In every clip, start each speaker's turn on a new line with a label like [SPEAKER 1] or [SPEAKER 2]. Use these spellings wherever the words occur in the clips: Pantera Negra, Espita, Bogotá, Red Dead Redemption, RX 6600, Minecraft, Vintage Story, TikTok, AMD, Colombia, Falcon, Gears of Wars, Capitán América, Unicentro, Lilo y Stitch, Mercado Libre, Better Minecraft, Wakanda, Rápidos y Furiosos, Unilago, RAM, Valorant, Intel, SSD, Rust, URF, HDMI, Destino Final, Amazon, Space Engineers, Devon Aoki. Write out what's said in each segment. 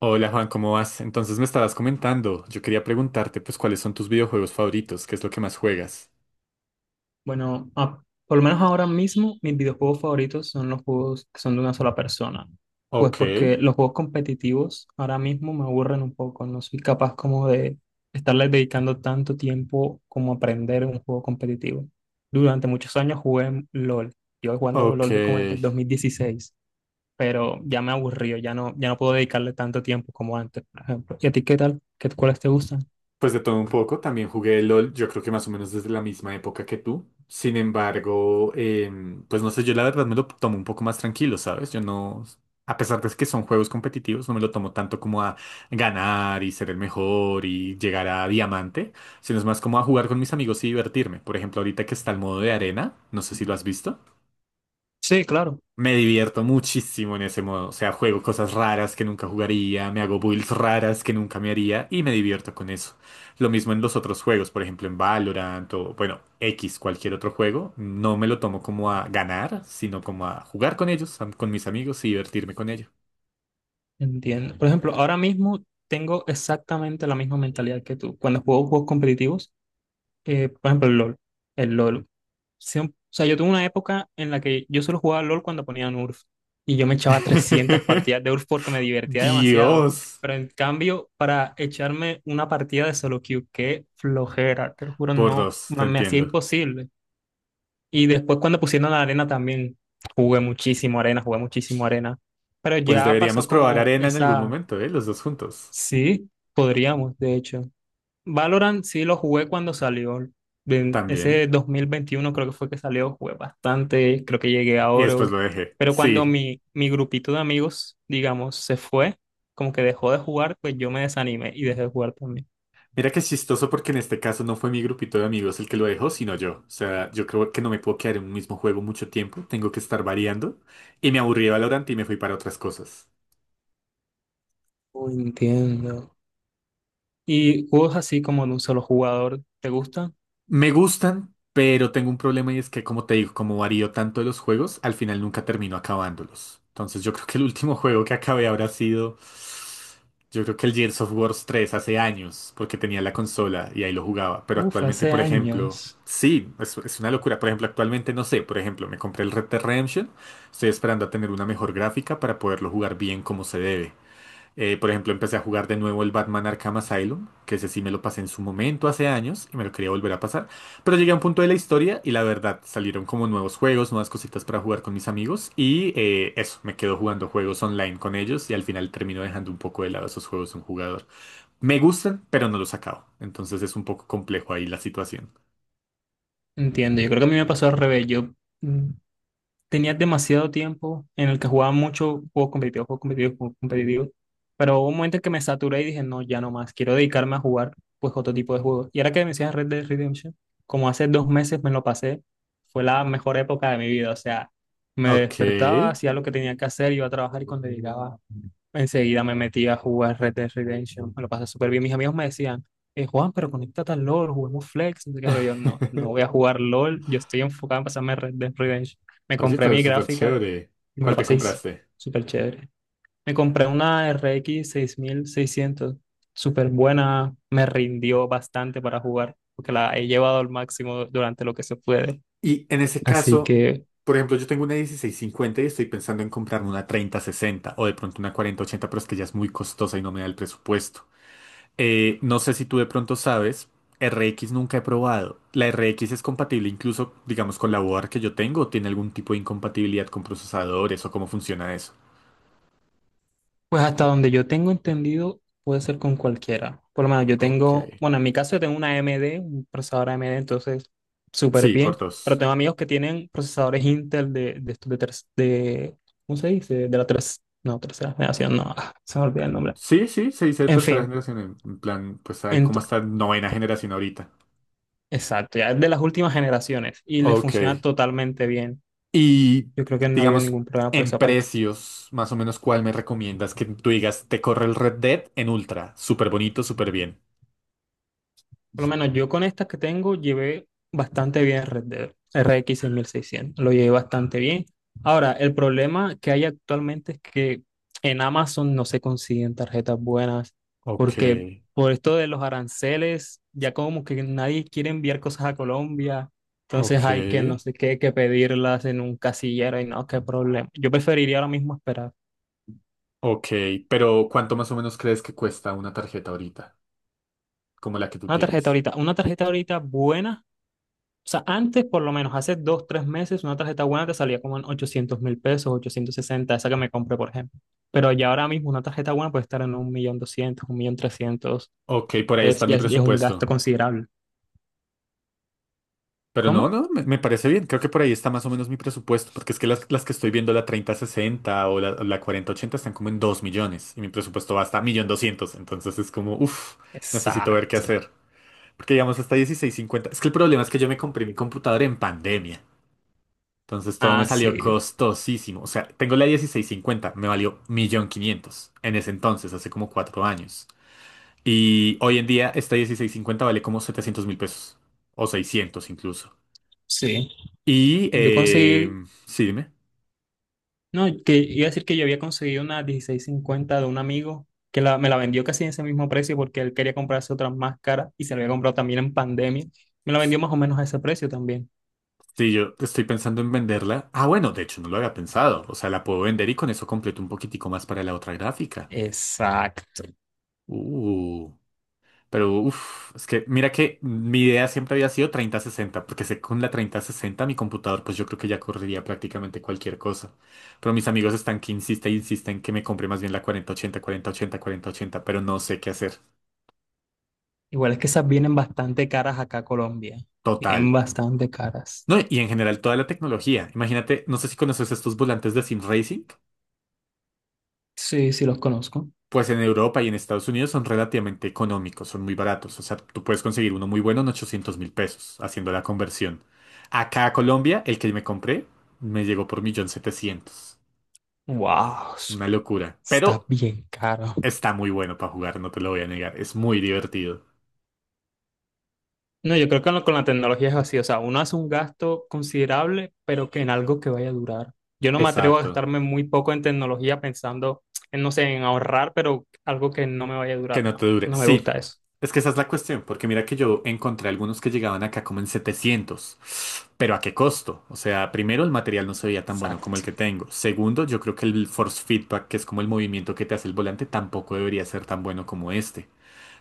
[SPEAKER 1] Hola Juan, ¿cómo vas? Entonces me estabas comentando, yo quería preguntarte pues cuáles son tus videojuegos favoritos, qué es lo que más juegas.
[SPEAKER 2] Bueno, por lo menos ahora mismo mis videojuegos favoritos son los juegos que son de una sola persona. Pues
[SPEAKER 1] Ok,
[SPEAKER 2] porque los juegos competitivos ahora mismo me aburren un poco. No soy capaz como de estarles dedicando tanto tiempo como aprender un juego competitivo. Durante muchos años jugué LOL. Yo jugando
[SPEAKER 1] Ok,
[SPEAKER 2] LOL de como desde 2016, pero ya me aburrió, ya no, ya no puedo dedicarle tanto tiempo como antes, por ejemplo. ¿Y a ti qué tal? ¿Qué, cuáles te gustan?
[SPEAKER 1] pues de todo un poco, también jugué LOL, yo creo que más o menos desde la misma época que tú. Sin embargo, pues no sé, yo la verdad me lo tomo un poco más tranquilo, ¿sabes? Yo no, a pesar de que son juegos competitivos, no me lo tomo tanto como a ganar y ser el mejor y llegar a diamante, sino es más como a jugar con mis amigos y divertirme. Por ejemplo, ahorita que está el modo de arena, no sé si lo has visto.
[SPEAKER 2] Sí, claro.
[SPEAKER 1] Me divierto muchísimo en ese modo. O sea, juego cosas raras que nunca jugaría, me hago builds raras que nunca me haría y me divierto con eso. Lo mismo en los otros juegos, por ejemplo en Valorant o, bueno, X, cualquier otro juego. No me lo tomo como a ganar, sino como a jugar con ellos, con mis amigos y divertirme con ellos.
[SPEAKER 2] Entiendo. Por ejemplo, ahora mismo tengo exactamente la misma mentalidad que tú. Cuando juego juegos competitivos, por ejemplo, el LOL. El LOL. O sea, yo tuve una época en la que yo solo jugaba LOL cuando ponían URF. Y yo me echaba 300 partidas de URF porque me divertía demasiado.
[SPEAKER 1] Dios,
[SPEAKER 2] Pero en cambio, para echarme una partida de solo queue, qué flojera, te lo juro,
[SPEAKER 1] por
[SPEAKER 2] no,
[SPEAKER 1] dos,
[SPEAKER 2] me
[SPEAKER 1] te
[SPEAKER 2] me hacía
[SPEAKER 1] entiendo.
[SPEAKER 2] imposible. Y después cuando pusieron la arena también, jugué muchísimo arena, jugué muchísimo arena. Pero
[SPEAKER 1] Pues
[SPEAKER 2] ya
[SPEAKER 1] deberíamos
[SPEAKER 2] pasó
[SPEAKER 1] probar
[SPEAKER 2] como
[SPEAKER 1] arena en algún
[SPEAKER 2] esa.
[SPEAKER 1] momento, ¿eh? Los dos juntos.
[SPEAKER 2] Sí, podríamos, de hecho. Valorant sí lo jugué cuando salió. En
[SPEAKER 1] También.
[SPEAKER 2] ese 2021 creo que fue que salió, jugué bastante, creo que llegué a
[SPEAKER 1] Y después
[SPEAKER 2] oro.
[SPEAKER 1] lo dejé.
[SPEAKER 2] Pero cuando
[SPEAKER 1] Sí.
[SPEAKER 2] mi grupito de amigos, digamos, se fue, como que dejó de jugar, pues yo me desanimé y dejé de jugar también.
[SPEAKER 1] Mira que es chistoso porque en este caso no fue mi grupito de amigos el que lo dejó, sino yo. O sea, yo creo que no me puedo quedar en un mismo juego mucho tiempo, tengo que estar variando. Y me aburrí de Valorant y me fui para otras cosas.
[SPEAKER 2] Oh, entiendo. ¿Y juegos así como de un solo jugador, te gustan?
[SPEAKER 1] Me gustan, pero tengo un problema y es que, como te digo, como varío tanto de los juegos, al final nunca termino acabándolos. Entonces yo creo que el último juego que acabé habrá sido, yo creo que el Gears of Wars 3 hace años, porque tenía la consola y ahí lo jugaba. Pero
[SPEAKER 2] Uf,
[SPEAKER 1] actualmente,
[SPEAKER 2] hace
[SPEAKER 1] por ejemplo,
[SPEAKER 2] años.
[SPEAKER 1] sí, es una locura. Por ejemplo, actualmente no sé, por ejemplo, me compré el Red Dead Redemption, estoy esperando a tener una mejor gráfica para poderlo jugar bien como se debe. Por ejemplo, empecé a jugar de nuevo el Batman Arkham Asylum, que ese sí me lo pasé en su momento hace años y me lo quería volver a pasar. Pero llegué a un punto de la historia y la verdad salieron como nuevos juegos, nuevas cositas para jugar con mis amigos y eso, me quedo jugando juegos online con ellos y al final termino dejando un poco de lado esos juegos de un jugador. Me gustan, pero no los acabo. Entonces es un poco complejo ahí la situación.
[SPEAKER 2] Entiendo, yo creo que a mí me pasó al revés. Yo mm, tenía demasiado tiempo en el que jugaba mucho juegos competitivos, juegos competitivos, juegos competitivos, pero hubo un momento en que me saturé y dije, no, ya no más, quiero dedicarme a jugar pues otro tipo de juegos. Y ahora que me decías Red Dead Redemption, como hace 2 meses me lo pasé, fue la mejor época de mi vida, o sea, me
[SPEAKER 1] Ok.
[SPEAKER 2] despertaba, hacía lo que tenía que hacer, iba a trabajar y cuando llegaba, enseguida me metí a jugar Red Dead Redemption. Me lo pasé súper bien. Mis amigos me decían, Juan, pero conéctate al LOL, juguemos Flex. No sé qué, pero yo no, no voy a jugar LOL. Yo estoy enfocado en pasarme Red Dead Redemption. Me
[SPEAKER 1] Oye,
[SPEAKER 2] compré
[SPEAKER 1] pero
[SPEAKER 2] mi
[SPEAKER 1] súper
[SPEAKER 2] gráfica
[SPEAKER 1] chévere.
[SPEAKER 2] y me
[SPEAKER 1] ¿Cuál
[SPEAKER 2] lo
[SPEAKER 1] te
[SPEAKER 2] pasé
[SPEAKER 1] compraste?
[SPEAKER 2] súper chévere. Me compré una RX 6600, súper buena. Me rindió bastante para jugar, porque la he llevado al máximo durante lo que se puede.
[SPEAKER 1] Y en ese
[SPEAKER 2] Así
[SPEAKER 1] caso,
[SPEAKER 2] que
[SPEAKER 1] por ejemplo, yo tengo una 1650 y estoy pensando en comprarme una 3060 o de pronto una 4080, pero es que ya es muy costosa y no me da el presupuesto. No sé si tú de pronto sabes, RX nunca he probado. ¿La RX es compatible incluso, digamos, con la board que yo tengo o tiene algún tipo de incompatibilidad con procesadores o cómo funciona eso?
[SPEAKER 2] pues hasta donde yo tengo entendido, puede ser con cualquiera. Por lo menos yo
[SPEAKER 1] Ok.
[SPEAKER 2] tengo, bueno, en mi caso yo tengo una AMD, un procesador AMD, entonces súper
[SPEAKER 1] Sí,
[SPEAKER 2] bien.
[SPEAKER 1] por
[SPEAKER 2] Pero
[SPEAKER 1] dos.
[SPEAKER 2] tengo amigos que tienen procesadores Intel de estos de, tres, de, ¿cómo se dice? De la tres, no, tercera generación, no, se me olvida el nombre.
[SPEAKER 1] Sí, sí, se dice de
[SPEAKER 2] En
[SPEAKER 1] tercera
[SPEAKER 2] fin,
[SPEAKER 1] generación. En plan, pues hay como
[SPEAKER 2] ent-
[SPEAKER 1] hasta novena generación ahorita.
[SPEAKER 2] exacto, ya es de las últimas generaciones y les
[SPEAKER 1] Ok.
[SPEAKER 2] funciona totalmente bien.
[SPEAKER 1] Y
[SPEAKER 2] Yo creo que no había
[SPEAKER 1] digamos,
[SPEAKER 2] ningún problema por
[SPEAKER 1] en
[SPEAKER 2] esa parte.
[SPEAKER 1] precios, más o menos, ¿cuál me recomiendas que tú digas, te corre el Red Dead en Ultra? Súper bonito, súper bien.
[SPEAKER 2] Por lo menos yo con estas que tengo llevé bastante bien Red Dead, R X 6600 lo llevé bastante bien. Ahora, el problema que hay actualmente es que en Amazon no se consiguen tarjetas buenas
[SPEAKER 1] Ok,
[SPEAKER 2] porque por esto de los aranceles, ya como que nadie quiere enviar cosas a Colombia, entonces hay que no
[SPEAKER 1] ok,
[SPEAKER 2] sé qué, que pedirlas en un casillero y no, qué problema. Yo preferiría ahora mismo esperar
[SPEAKER 1] ok. Pero ¿cuánto más o menos crees que cuesta una tarjeta ahorita, como la que tú tienes?
[SPEAKER 2] una tarjeta ahorita buena. O sea, antes, por lo menos hace 2, 3 meses, una tarjeta buena te salía como en 800.000 pesos, 860, esa que me compré, por ejemplo. Pero ya ahora mismo una tarjeta buena puede estar en 1.200.000, 1.300.000.
[SPEAKER 1] Ok, por ahí
[SPEAKER 2] Es,
[SPEAKER 1] está
[SPEAKER 2] ya
[SPEAKER 1] mi
[SPEAKER 2] es, ya es un gasto
[SPEAKER 1] presupuesto.
[SPEAKER 2] considerable.
[SPEAKER 1] Pero
[SPEAKER 2] ¿Cómo?
[SPEAKER 1] no, no, me parece bien. Creo que por ahí está más o menos mi presupuesto, porque es que las que estoy viendo, la 30 sesenta o la 4080 están como en 2 millones y mi presupuesto va hasta 1.200.000. Entonces es como, uff, necesito ver qué
[SPEAKER 2] Exacto.
[SPEAKER 1] hacer. Porque digamos hasta 1650. Es que el problema es que yo me compré mi computadora en pandemia. Entonces todo me
[SPEAKER 2] Ah,
[SPEAKER 1] salió
[SPEAKER 2] sí.
[SPEAKER 1] costosísimo. O sea, tengo la 1650, me valió 1.500.000 en ese entonces, hace como 4 años. Y hoy en día esta 1650 vale como 700.000 pesos o 600 incluso.
[SPEAKER 2] Sí.
[SPEAKER 1] Y,
[SPEAKER 2] Yo conseguí,
[SPEAKER 1] sí, dime.
[SPEAKER 2] no, que iba a decir que yo había conseguido una 1650 de un amigo que me la vendió casi en ese mismo precio porque él quería comprarse otra más cara y se la había comprado también en pandemia. Me la vendió más o menos a ese precio también.
[SPEAKER 1] Sí, yo estoy pensando en venderla. Ah, bueno, de hecho no lo había pensado. O sea, la puedo vender y con eso completo un poquitico más para la otra gráfica.
[SPEAKER 2] Exacto.
[SPEAKER 1] Uh, pero uff, es que mira que mi idea siempre había sido 3060, porque sé que con la 3060 mi computador, pues yo creo que ya correría prácticamente cualquier cosa. Pero mis amigos están que insisten, insisten que me compre más bien la 4080 4080 4080, pero no sé qué hacer.
[SPEAKER 2] Igual es que esas vienen bastante caras acá a Colombia.
[SPEAKER 1] Total.
[SPEAKER 2] Vienen bastante caras.
[SPEAKER 1] No, y en general toda la tecnología. Imagínate, no sé si conoces estos volantes de Sim Racing.
[SPEAKER 2] Sí, sí los conozco.
[SPEAKER 1] Pues en Europa y en Estados Unidos son relativamente económicos, son muy baratos. O sea, tú puedes conseguir uno muy bueno en 800.000 pesos haciendo la conversión. Acá a Colombia, el que me compré me llegó por 1.700.000,
[SPEAKER 2] Wow,
[SPEAKER 1] una locura.
[SPEAKER 2] está
[SPEAKER 1] Pero
[SPEAKER 2] bien caro.
[SPEAKER 1] está muy bueno para jugar, no te lo voy a negar. Es muy divertido.
[SPEAKER 2] No, yo creo que con la tecnología es así. O sea, uno hace un gasto considerable, pero que en algo que vaya a durar. Yo no me atrevo a
[SPEAKER 1] Exacto.
[SPEAKER 2] gastarme muy poco en tecnología pensando en, no sé, en ahorrar, pero algo que no me vaya a
[SPEAKER 1] Que
[SPEAKER 2] durar.
[SPEAKER 1] no
[SPEAKER 2] No,
[SPEAKER 1] te dure.
[SPEAKER 2] no me
[SPEAKER 1] Sí,
[SPEAKER 2] gusta eso.
[SPEAKER 1] es que esa es la cuestión, porque mira que yo encontré algunos que llegaban acá como en setecientos, pero ¿a qué costo? O sea, primero el material no se veía tan bueno como el
[SPEAKER 2] Exacto.
[SPEAKER 1] que tengo. Segundo, yo creo que el force feedback, que es como el movimiento que te hace el volante, tampoco debería ser tan bueno como este.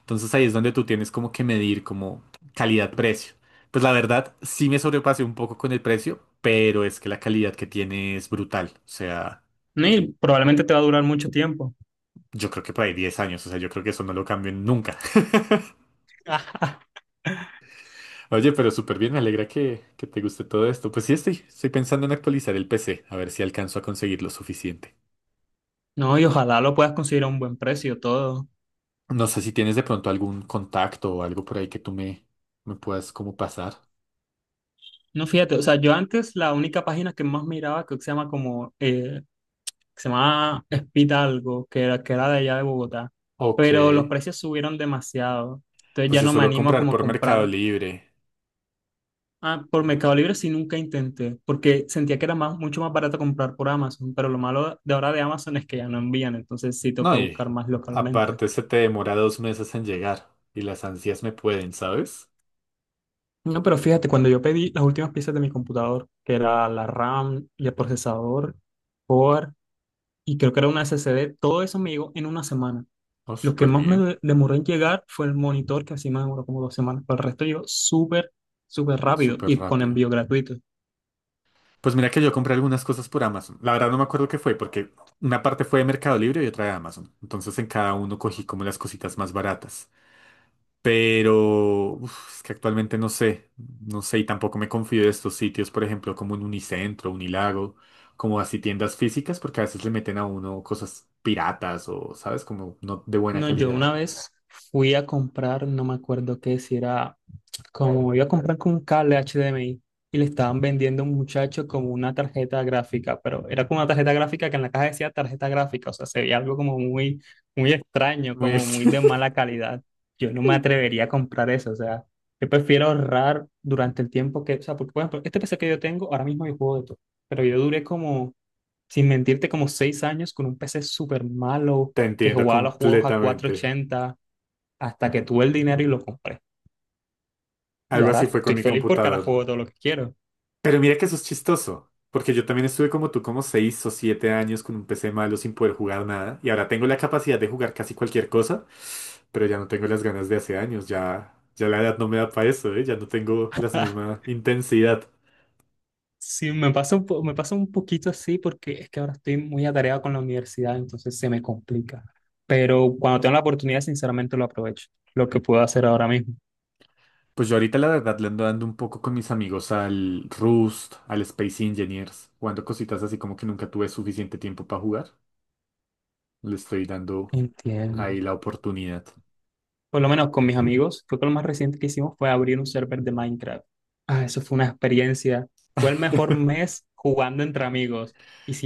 [SPEAKER 1] Entonces ahí es donde tú tienes como que medir como calidad-precio. Pues la verdad, sí me sobrepasé un poco con el precio, pero es que la calidad que tiene es brutal. O sea,
[SPEAKER 2] No, y probablemente te va a durar mucho tiempo.
[SPEAKER 1] yo creo que por ahí 10 años, o sea, yo creo que eso no lo cambio nunca. Oye, pero súper bien, me alegra que te guste todo esto. Pues sí, estoy pensando en actualizar el PC, a ver si alcanzo a conseguir lo suficiente.
[SPEAKER 2] No, y ojalá lo puedas conseguir a un buen precio todo.
[SPEAKER 1] No sé si tienes de pronto algún contacto o algo por ahí que tú me puedas como pasar.
[SPEAKER 2] No, fíjate, o sea, yo antes la única página que más miraba creo que se llama como, que se llamaba Espita algo, que era de allá de Bogotá,
[SPEAKER 1] Ok,
[SPEAKER 2] pero los precios subieron demasiado, entonces
[SPEAKER 1] pues
[SPEAKER 2] ya
[SPEAKER 1] yo
[SPEAKER 2] no me
[SPEAKER 1] suelo
[SPEAKER 2] animo a
[SPEAKER 1] comprar
[SPEAKER 2] como
[SPEAKER 1] por Mercado
[SPEAKER 2] comprar.
[SPEAKER 1] Libre.
[SPEAKER 2] Ah, por Mercado Libre si nunca intenté, porque sentía que era más, mucho más barato comprar por Amazon, pero lo malo de ahora de Amazon es que ya no envían, entonces sí
[SPEAKER 1] No,
[SPEAKER 2] toca
[SPEAKER 1] y
[SPEAKER 2] buscar más localmente.
[SPEAKER 1] aparte se te demora 2 meses en llegar y las ansias me pueden, ¿sabes?
[SPEAKER 2] No, pero fíjate, cuando yo pedí las últimas piezas de mi computador, que era la RAM y el procesador, y creo que era una SSD, todo eso me llegó en 1 semana.
[SPEAKER 1] Oh,
[SPEAKER 2] Lo que
[SPEAKER 1] súper
[SPEAKER 2] más
[SPEAKER 1] bien,
[SPEAKER 2] demoró en llegar fue el monitor, que así me demoró como 2 semanas, pero el resto llegó súper, súper rápido
[SPEAKER 1] súper
[SPEAKER 2] y con
[SPEAKER 1] rápido.
[SPEAKER 2] envío gratuito.
[SPEAKER 1] Pues mira que yo compré algunas cosas por Amazon. La verdad no me acuerdo qué fue, porque una parte fue de Mercado Libre y otra de Amazon. Entonces en cada uno cogí como las cositas más baratas. Pero uf, es que actualmente no sé, no sé, y tampoco me confío de estos sitios, por ejemplo, como un Unicentro, Unilago, como así tiendas físicas, porque a veces le meten a uno cosas piratas o, ¿sabes? Como no de buena
[SPEAKER 2] No, yo
[SPEAKER 1] calidad.
[SPEAKER 2] una vez fui a comprar, no me acuerdo qué, si era como iba a comprar con un cable HDMI y le estaban vendiendo a un muchacho como una tarjeta gráfica, pero era como una tarjeta gráfica que en la caja decía tarjeta gráfica, o sea, se veía algo como muy, muy extraño,
[SPEAKER 1] Muy
[SPEAKER 2] como
[SPEAKER 1] ex-
[SPEAKER 2] muy de mala calidad. Yo no me atrevería a comprar eso, o sea, yo prefiero ahorrar durante el tiempo que, o sea, porque por ejemplo, este PC que yo tengo, ahora mismo yo juego de todo, pero yo duré como, sin mentirte, como 6 años con un PC súper malo
[SPEAKER 1] Te
[SPEAKER 2] que
[SPEAKER 1] entiendo
[SPEAKER 2] jugaba los juegos a
[SPEAKER 1] completamente.
[SPEAKER 2] 480 hasta que tuve el dinero y lo compré. Y
[SPEAKER 1] Algo así
[SPEAKER 2] ahora
[SPEAKER 1] fue con
[SPEAKER 2] estoy
[SPEAKER 1] mi
[SPEAKER 2] feliz porque ahora
[SPEAKER 1] computador.
[SPEAKER 2] juego todo lo que quiero.
[SPEAKER 1] Pero mira que eso es chistoso, porque yo también estuve como tú, como 6 o 7 años con un PC malo sin poder jugar nada, y ahora tengo la capacidad de jugar casi cualquier cosa, pero ya no tengo las ganas de hace años, ya, ya la edad no me da para eso, ¿eh? Ya no tengo la misma intensidad.
[SPEAKER 2] Sí, me pasa un poquito así porque es que ahora estoy muy atareado con la universidad, entonces se me complica. Pero cuando tengo la oportunidad, sinceramente lo aprovecho, lo que puedo hacer ahora mismo.
[SPEAKER 1] Pues yo ahorita la verdad le ando dando un poco con mis amigos al Rust, al Space Engineers, jugando cositas así como que nunca tuve suficiente tiempo para jugar. Le estoy dando
[SPEAKER 2] Entiendo.
[SPEAKER 1] ahí la oportunidad.
[SPEAKER 2] Por lo menos con mis amigos, creo que lo más reciente que hicimos fue abrir un server de Minecraft. Ah, eso fue una experiencia. Fue el mejor mes jugando entre amigos.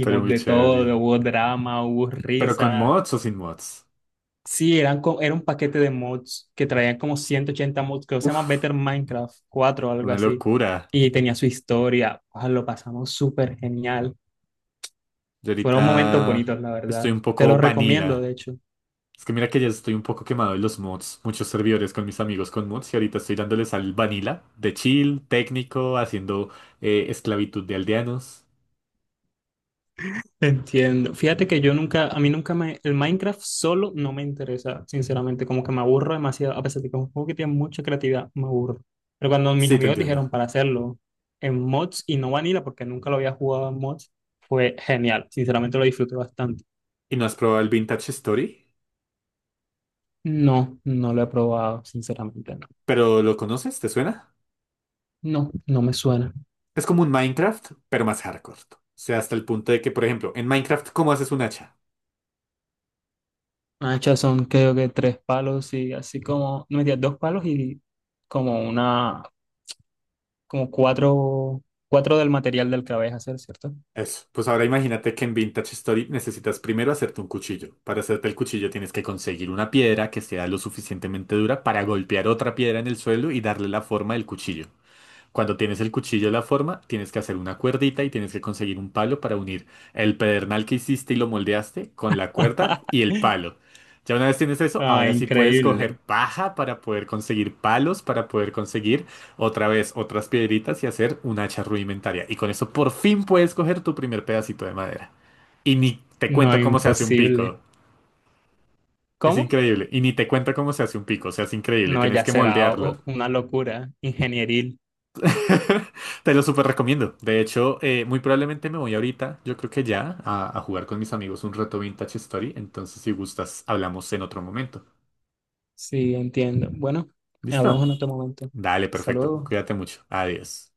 [SPEAKER 1] Pero muy
[SPEAKER 2] de
[SPEAKER 1] chévere.
[SPEAKER 2] todo, hubo drama, hubo
[SPEAKER 1] Pero con
[SPEAKER 2] risas.
[SPEAKER 1] mods o sin mods.
[SPEAKER 2] Sí, era un paquete de mods que traían como 180 mods, creo que se llama
[SPEAKER 1] Uf.
[SPEAKER 2] Better Minecraft 4 o algo
[SPEAKER 1] Una
[SPEAKER 2] así.
[SPEAKER 1] locura.
[SPEAKER 2] Y tenía su historia. Ah, lo pasamos súper genial.
[SPEAKER 1] Yo
[SPEAKER 2] Fueron momentos
[SPEAKER 1] ahorita
[SPEAKER 2] bonitos, la
[SPEAKER 1] estoy
[SPEAKER 2] verdad.
[SPEAKER 1] un
[SPEAKER 2] Te
[SPEAKER 1] poco
[SPEAKER 2] los recomiendo,
[SPEAKER 1] vanilla.
[SPEAKER 2] de hecho.
[SPEAKER 1] Es que mira que ya estoy un poco quemado de los mods. Muchos servidores con mis amigos con mods y ahorita estoy dándoles al vanilla de chill, técnico, haciendo esclavitud de aldeanos.
[SPEAKER 2] Entiendo. Fíjate que yo nunca, a mí nunca me, el Minecraft solo no me interesa, sinceramente, como que me aburro demasiado, a pesar de que es un juego que tiene mucha creatividad, me aburro. Pero cuando mis
[SPEAKER 1] Sí, te
[SPEAKER 2] amigos
[SPEAKER 1] entiendo.
[SPEAKER 2] dijeron para hacerlo en mods y no vanilla, porque nunca lo había jugado en mods, fue genial, sinceramente lo disfruté bastante.
[SPEAKER 1] ¿Y no has probado el Vintage Story?
[SPEAKER 2] No, no lo he probado, sinceramente no.
[SPEAKER 1] ¿Pero lo conoces? ¿Te suena?
[SPEAKER 2] No, no me suena.
[SPEAKER 1] Es como un Minecraft, pero más hardcore. O sea, hasta el punto de que, por ejemplo, en Minecraft, ¿cómo haces un hacha?
[SPEAKER 2] Anchas son creo que tres palos y así como, no me digas, dos palos y como una, como cuatro, cuatro del material del que vais a hacer, ¿cierto?
[SPEAKER 1] Eso. Pues ahora imagínate que en Vintage Story necesitas primero hacerte un cuchillo. Para hacerte el cuchillo tienes que conseguir una piedra que sea lo suficientemente dura para golpear otra piedra en el suelo y darle la forma del cuchillo. Cuando tienes el cuchillo de la forma, tienes que hacer una cuerdita y tienes que conseguir un palo para unir el pedernal que hiciste y lo moldeaste con la cuerda y el palo. Ya una vez tienes eso,
[SPEAKER 2] Ah,
[SPEAKER 1] ahora sí puedes coger
[SPEAKER 2] increíble.
[SPEAKER 1] paja para poder conseguir palos, para poder conseguir otra vez otras piedritas y hacer un hacha rudimentaria. Y con eso por fin puedes coger tu primer pedacito de madera. Y ni te
[SPEAKER 2] No,
[SPEAKER 1] cuento cómo se hace un
[SPEAKER 2] imposible.
[SPEAKER 1] pico. Es
[SPEAKER 2] ¿Cómo?
[SPEAKER 1] increíble. Y ni te cuento cómo se hace un pico. O sea, es increíble.
[SPEAKER 2] No,
[SPEAKER 1] Tienes
[SPEAKER 2] ya
[SPEAKER 1] que
[SPEAKER 2] será
[SPEAKER 1] moldearlo.
[SPEAKER 2] una locura ingenieril.
[SPEAKER 1] Te lo súper recomiendo. De hecho, muy probablemente me voy ahorita, yo creo que ya, a jugar con mis amigos un rato Vintage Story. Entonces, si gustas, hablamos en otro momento.
[SPEAKER 2] Sí, entiendo. Bueno, hablamos
[SPEAKER 1] ¿Listo?
[SPEAKER 2] en otro momento.
[SPEAKER 1] Dale,
[SPEAKER 2] Hasta
[SPEAKER 1] perfecto.
[SPEAKER 2] luego.
[SPEAKER 1] Cuídate mucho. Adiós.